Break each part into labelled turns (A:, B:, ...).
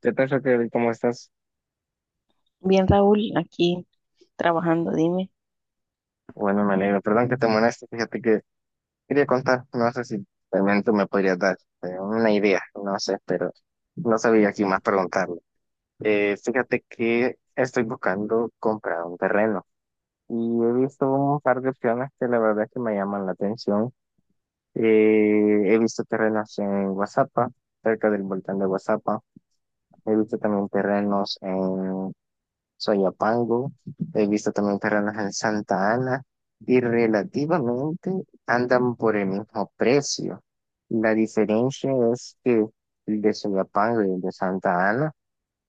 A: ¿Qué tal, Raquel? ¿Cómo estás?
B: Bien, Raúl, aquí trabajando, dime.
A: Bueno, me alegro. Perdón que te moleste. Fíjate que quería contar. No sé si también tú me podrías dar una idea. No sé, pero no sabía aquí más preguntarle. Fíjate que estoy buscando comprar un terreno y he visto un par de opciones que la verdad es que me llaman la atención. Eh, he visto terrenos en Guazapa, cerca del volcán de Guazapa. He visto también terrenos Soyapango, he visto también terrenos en Santa Ana y relativamente andan por el mismo precio. La diferencia es que el de Soyapango y el de Santa Ana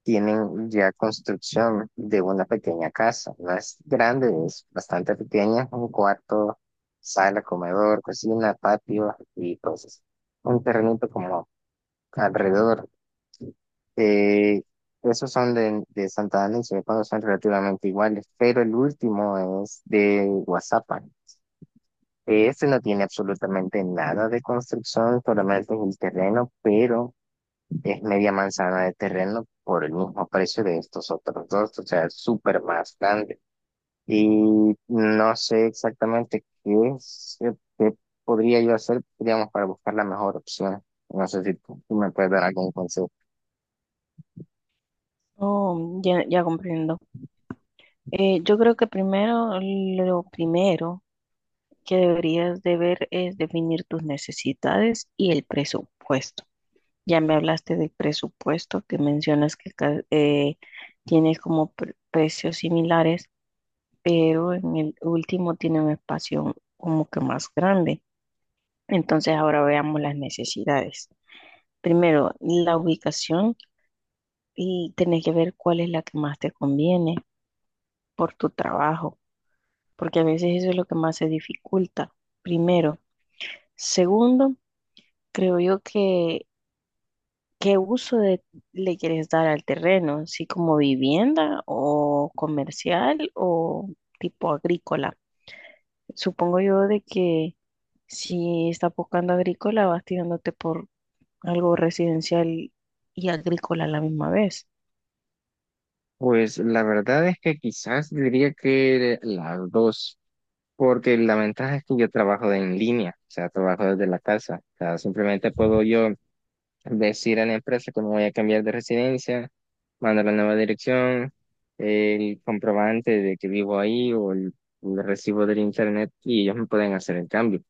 A: tienen ya construcción de una pequeña casa. No es grande, es bastante pequeña, un cuarto, sala, comedor, cocina, patio y cosas. Un terrenito como alrededor. Eh, esos son de Santa Ana y Soyapango son relativamente iguales, pero el último es de Guazapan. Este no tiene absolutamente nada de construcción, solamente es el terreno, pero es media manzana de terreno por el mismo precio de estos otros dos, o sea, es súper más grande. Y no sé exactamente qué es, qué podría yo hacer, digamos, para buscar la mejor opción. No sé si tú me puedes dar algún consejo.
B: Oh, ya, ya comprendo. Yo creo que primero, lo primero, que deberías de ver es definir tus necesidades y el presupuesto. Ya me hablaste del presupuesto que mencionas que tiene como precios similares, pero en el último tiene un espacio como que más grande. Entonces ahora veamos las necesidades. Primero, la ubicación y tenés que ver cuál es la que más te conviene por tu trabajo, porque a veces eso es lo que más se dificulta. Primero. Segundo, creo yo que ¿qué le quieres dar al terreno? ¿Sí como vivienda o comercial o tipo agrícola? Supongo yo de que si estás buscando agrícola vas tirándote por algo residencial y agrícola a la misma vez.
A: Pues la verdad es que quizás diría que las dos, porque la ventaja es que yo trabajo en línea, o sea, trabajo desde la casa, o sea, simplemente puedo yo decir a la empresa que me voy a cambiar de residencia, mandar la nueva dirección, el comprobante de que vivo ahí o el recibo del internet y ellos me pueden hacer el cambio.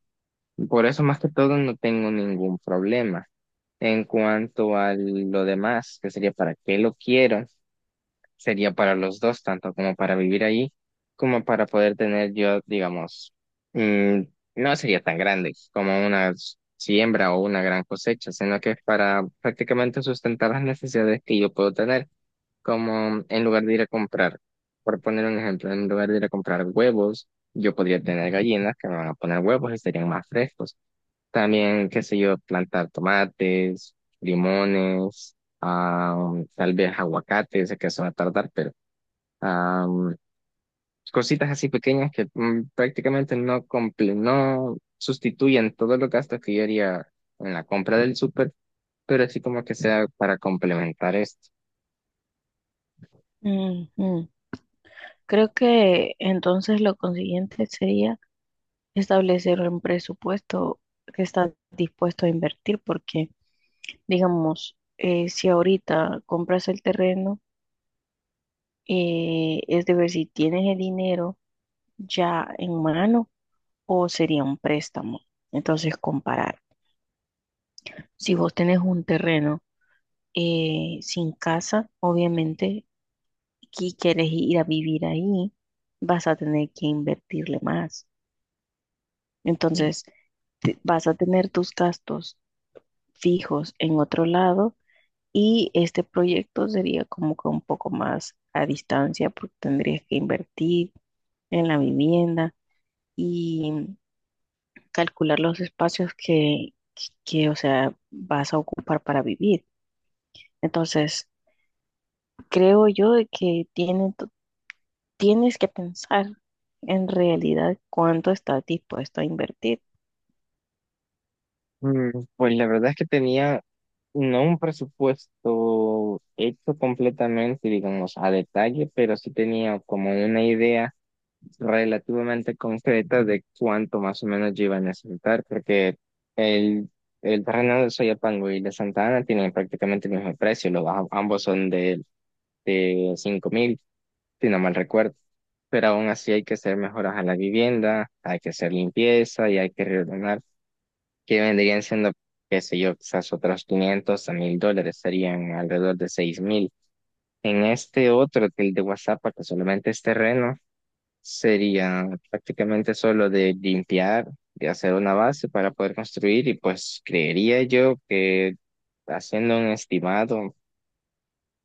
A: Por eso más que todo no tengo ningún problema. En cuanto a lo demás, que sería para qué lo quiero sería para los dos, tanto como para vivir ahí, como para poder tener yo, digamos, mm, no sería tan grande como una siembra o una gran cosecha, sino que es para prácticamente sustentar las necesidades que yo puedo tener, como en lugar de ir a comprar, por poner un ejemplo, en lugar de ir a comprar huevos, yo podría tener gallinas que me van a poner huevos y serían más frescos. También, qué sé yo, plantar tomates, limones, ah, tal vez aguacates, sé que eso va a tardar, pero am, cositas así pequeñas que prácticamente no, no sustituyen todos los gastos que yo haría en la compra del súper, pero así como que sea para complementar esto.
B: Ujú. Creo que entonces lo consiguiente sería establecer un presupuesto que estás dispuesto a invertir porque, digamos, si ahorita compras el terreno, es de ver si tienes el dinero ya en mano o sería un préstamo. Entonces, comparar. Si vos tenés un terreno sin casa, obviamente, y quieres ir a vivir ahí, vas a tener que invertirle más. Entonces, vas a tener tus gastos fijos en otro lado y este proyecto sería como que un poco más a distancia porque tendrías que invertir en la vivienda. Y calcular los espacios o sea, vas a ocupar para vivir. Entonces, creo yo de que tienes que pensar en realidad cuánto estás dispuesto a invertir.
A: Mm, Pues la verdad es que tenía no un presupuesto hecho completamente, digamos, a detalle, pero sí tenía como una idea relativamente concretas de cuánto más o menos yo iba a necesitar, porque el, el terreno de Soyapango y de Santa Ana tienen prácticamente el mismo precio, los, ambos son de 5.000, si no mal recuerdo. Pero aún así hay que hacer mejoras a la vivienda, hay que hacer limpieza y hay que reordenar, que vendrían siendo, qué sé yo, quizás otros 500 a 1.000 dólares, serían alrededor de 6.000. En este otro, que el de WhatsApp, que solamente es terreno, sería prácticamente solo de limpiar, de hacer una base para poder construir y pues creería yo que haciendo un estimado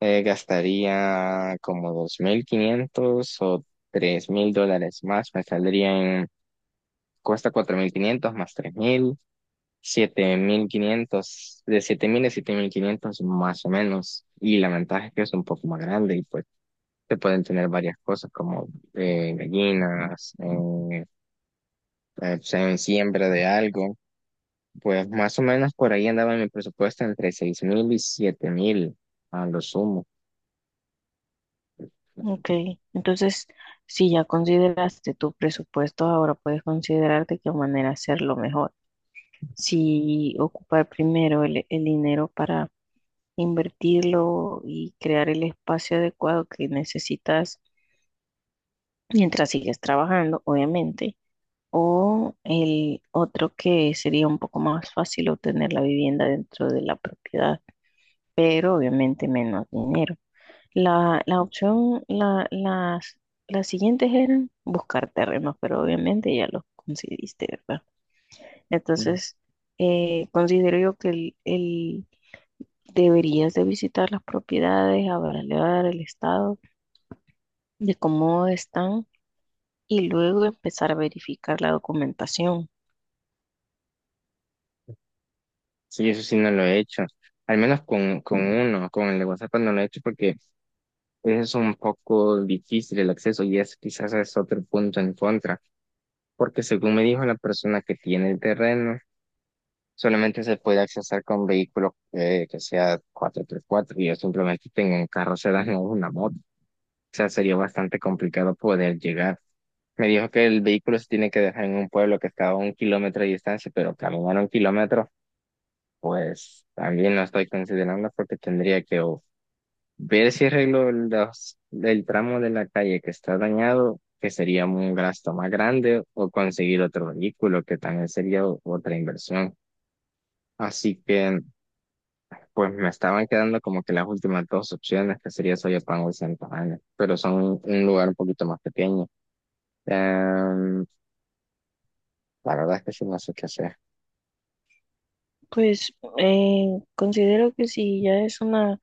A: gastaría como 2.500 o 3.000 dólares más, me saldrían, cuesta 4.500 más 3.000 7.500 de 7.000 a 7.500 más o menos. Y la ventaja es que es un poco más grande y pues se pueden tener varias cosas como gallinas, pues, en siembra de algo. Pues más o menos por ahí andaba mi presupuesto entre 6.000 y 7.000 a lo sumo.
B: Ok, entonces, si ya consideraste tu presupuesto, ahora puedes considerar de qué manera hacerlo mejor. Si ocupar primero el dinero para invertirlo y crear el espacio adecuado que necesitas mientras sigues trabajando, obviamente. O el otro que sería un poco más fácil obtener la vivienda dentro de la propiedad, pero obviamente menos dinero. La opción, las siguientes eran buscar terrenos, pero obviamente ya los conseguiste, ¿verdad?
A: Mm.
B: Entonces, considero yo que deberías de visitar las propiedades, evaluar el estado de cómo están y luego empezar a verificar la documentación.
A: Sí, eso sí no lo he hecho. Al menos con uno, con el de WhatsApp no lo he hecho porque es un poco difícil el acceso y es quizás es otro punto en contra. Porque según me dijo la persona que tiene el terreno, solamente se puede accesar con vehículos que sea cuatro x 4 y yo simplemente tengo un carro sedán o una moto. O sea, sería bastante complicado poder llegar. Me dijo que el vehículo se tiene que dejar en un pueblo que está a 1 km de distancia, pero caminar 1 km, pues también lo estoy considerando porque tendría que o ver si arreglo el tramo de la calle que está dañado, que sería un gasto más grande, o conseguir otro vehículo, que también sería otra inversión. Así que, pues me estaban quedando como que las últimas dos opciones, que sería Soyapango y Santa Ana, pero son un lugar un poquito más pequeño. Em, la verdad es que sí no sé qué hacer.
B: Pues eh, considero que si ya es una,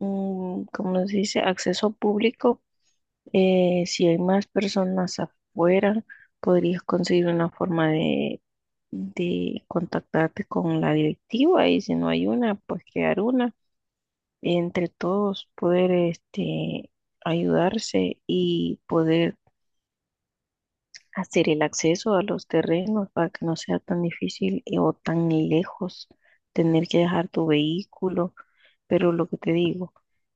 B: mm, como se dice, acceso público, si hay más personas afuera, podrías conseguir una forma de contactarte con la directiva y si no hay una, pues crear una. Entre todos poder este, ayudarse y poder hacer el acceso a los terrenos para que no sea tan difícil o tan lejos tener que dejar tu vehículo. Pero lo que te digo,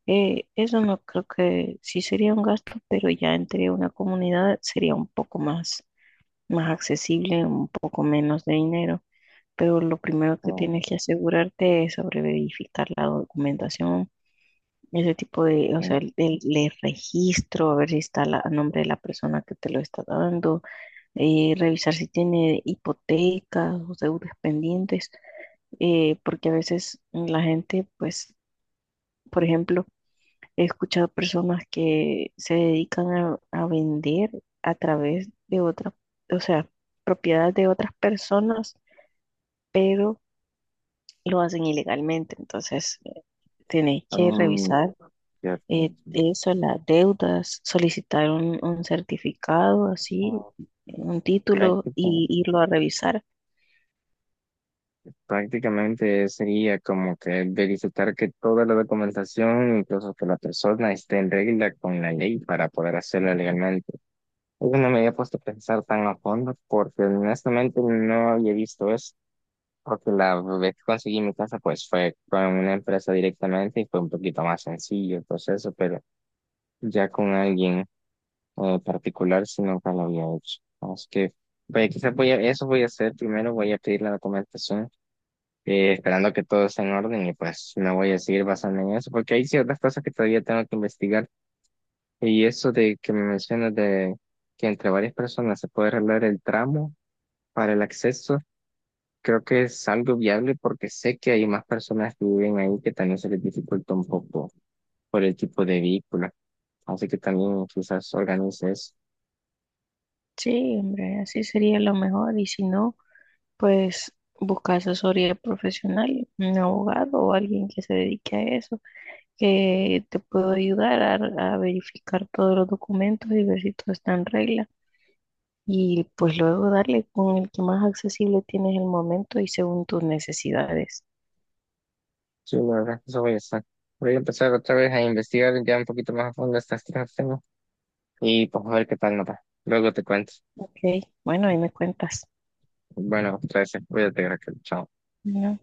B: eso no creo que sí sería un gasto, pero ya entre una comunidad sería un poco más, más accesible, un poco menos de dinero. Pero lo primero que
A: No.
B: tienes que asegurarte es sobre verificar la documentación, ese tipo de, o sea,
A: Oh,
B: el registro, a ver si está a nombre de la persona que te lo está dando, revisar si tiene hipotecas o deudas pendientes, porque a veces la gente, pues, por ejemplo, he escuchado personas que se dedican a vender a través de otras, o sea, propiedades de otras personas, pero lo hacen ilegalmente. Entonces, tenéis que revisar
A: ya te entiendo.
B: eso, las deudas, solicitar un certificado,
A: O
B: así,
A: sea,
B: un título
A: práctica-
B: y irlo a revisar.
A: prácticamente sería como que verificar que toda la documentación, incluso que la persona esté en regla con la ley para poder hacerlo legalmente. Yo no me había puesto a pensar tan a fondo porque honestamente no había visto eso. Porque la vez que conseguí mi casa, pues fue con una empresa directamente y fue un poquito más sencillo el proceso, pero ya con alguien. Particular, si nunca lo había hecho. Así que, vaya, quizás voy a, eso voy a hacer primero, voy a pedir la documentación, esperando que todo esté en orden y pues me voy a seguir basando en eso, porque hay ciertas cosas que todavía tengo que investigar y eso de que me mencionas de que entre varias personas se puede arreglar el tramo para el acceso. Creo que es algo viable porque sé que hay más personas que viven ahí que también se les dificulta un poco por el tipo de vehículo. Así que también quizás organices.
B: Sí, hombre, así sería lo mejor. Y si no, pues buscas asesoría profesional, un abogado o alguien que se dedique a eso, que te pueda ayudar a verificar todos los documentos y ver si todo está en regla. Y pues luego darle con el que más accesible tienes el momento y según tus necesidades.
A: Sí, la verdad eso voy a estar. Voy a empezar otra vez a investigar ya un poquito más a fondo estas tres tengo y pues a ver qué tal nota. Luego te cuento.
B: Ok, bueno, ahí me cuentas.
A: Bueno, 13. Cuídate, Raquel. Chao.
B: Bueno.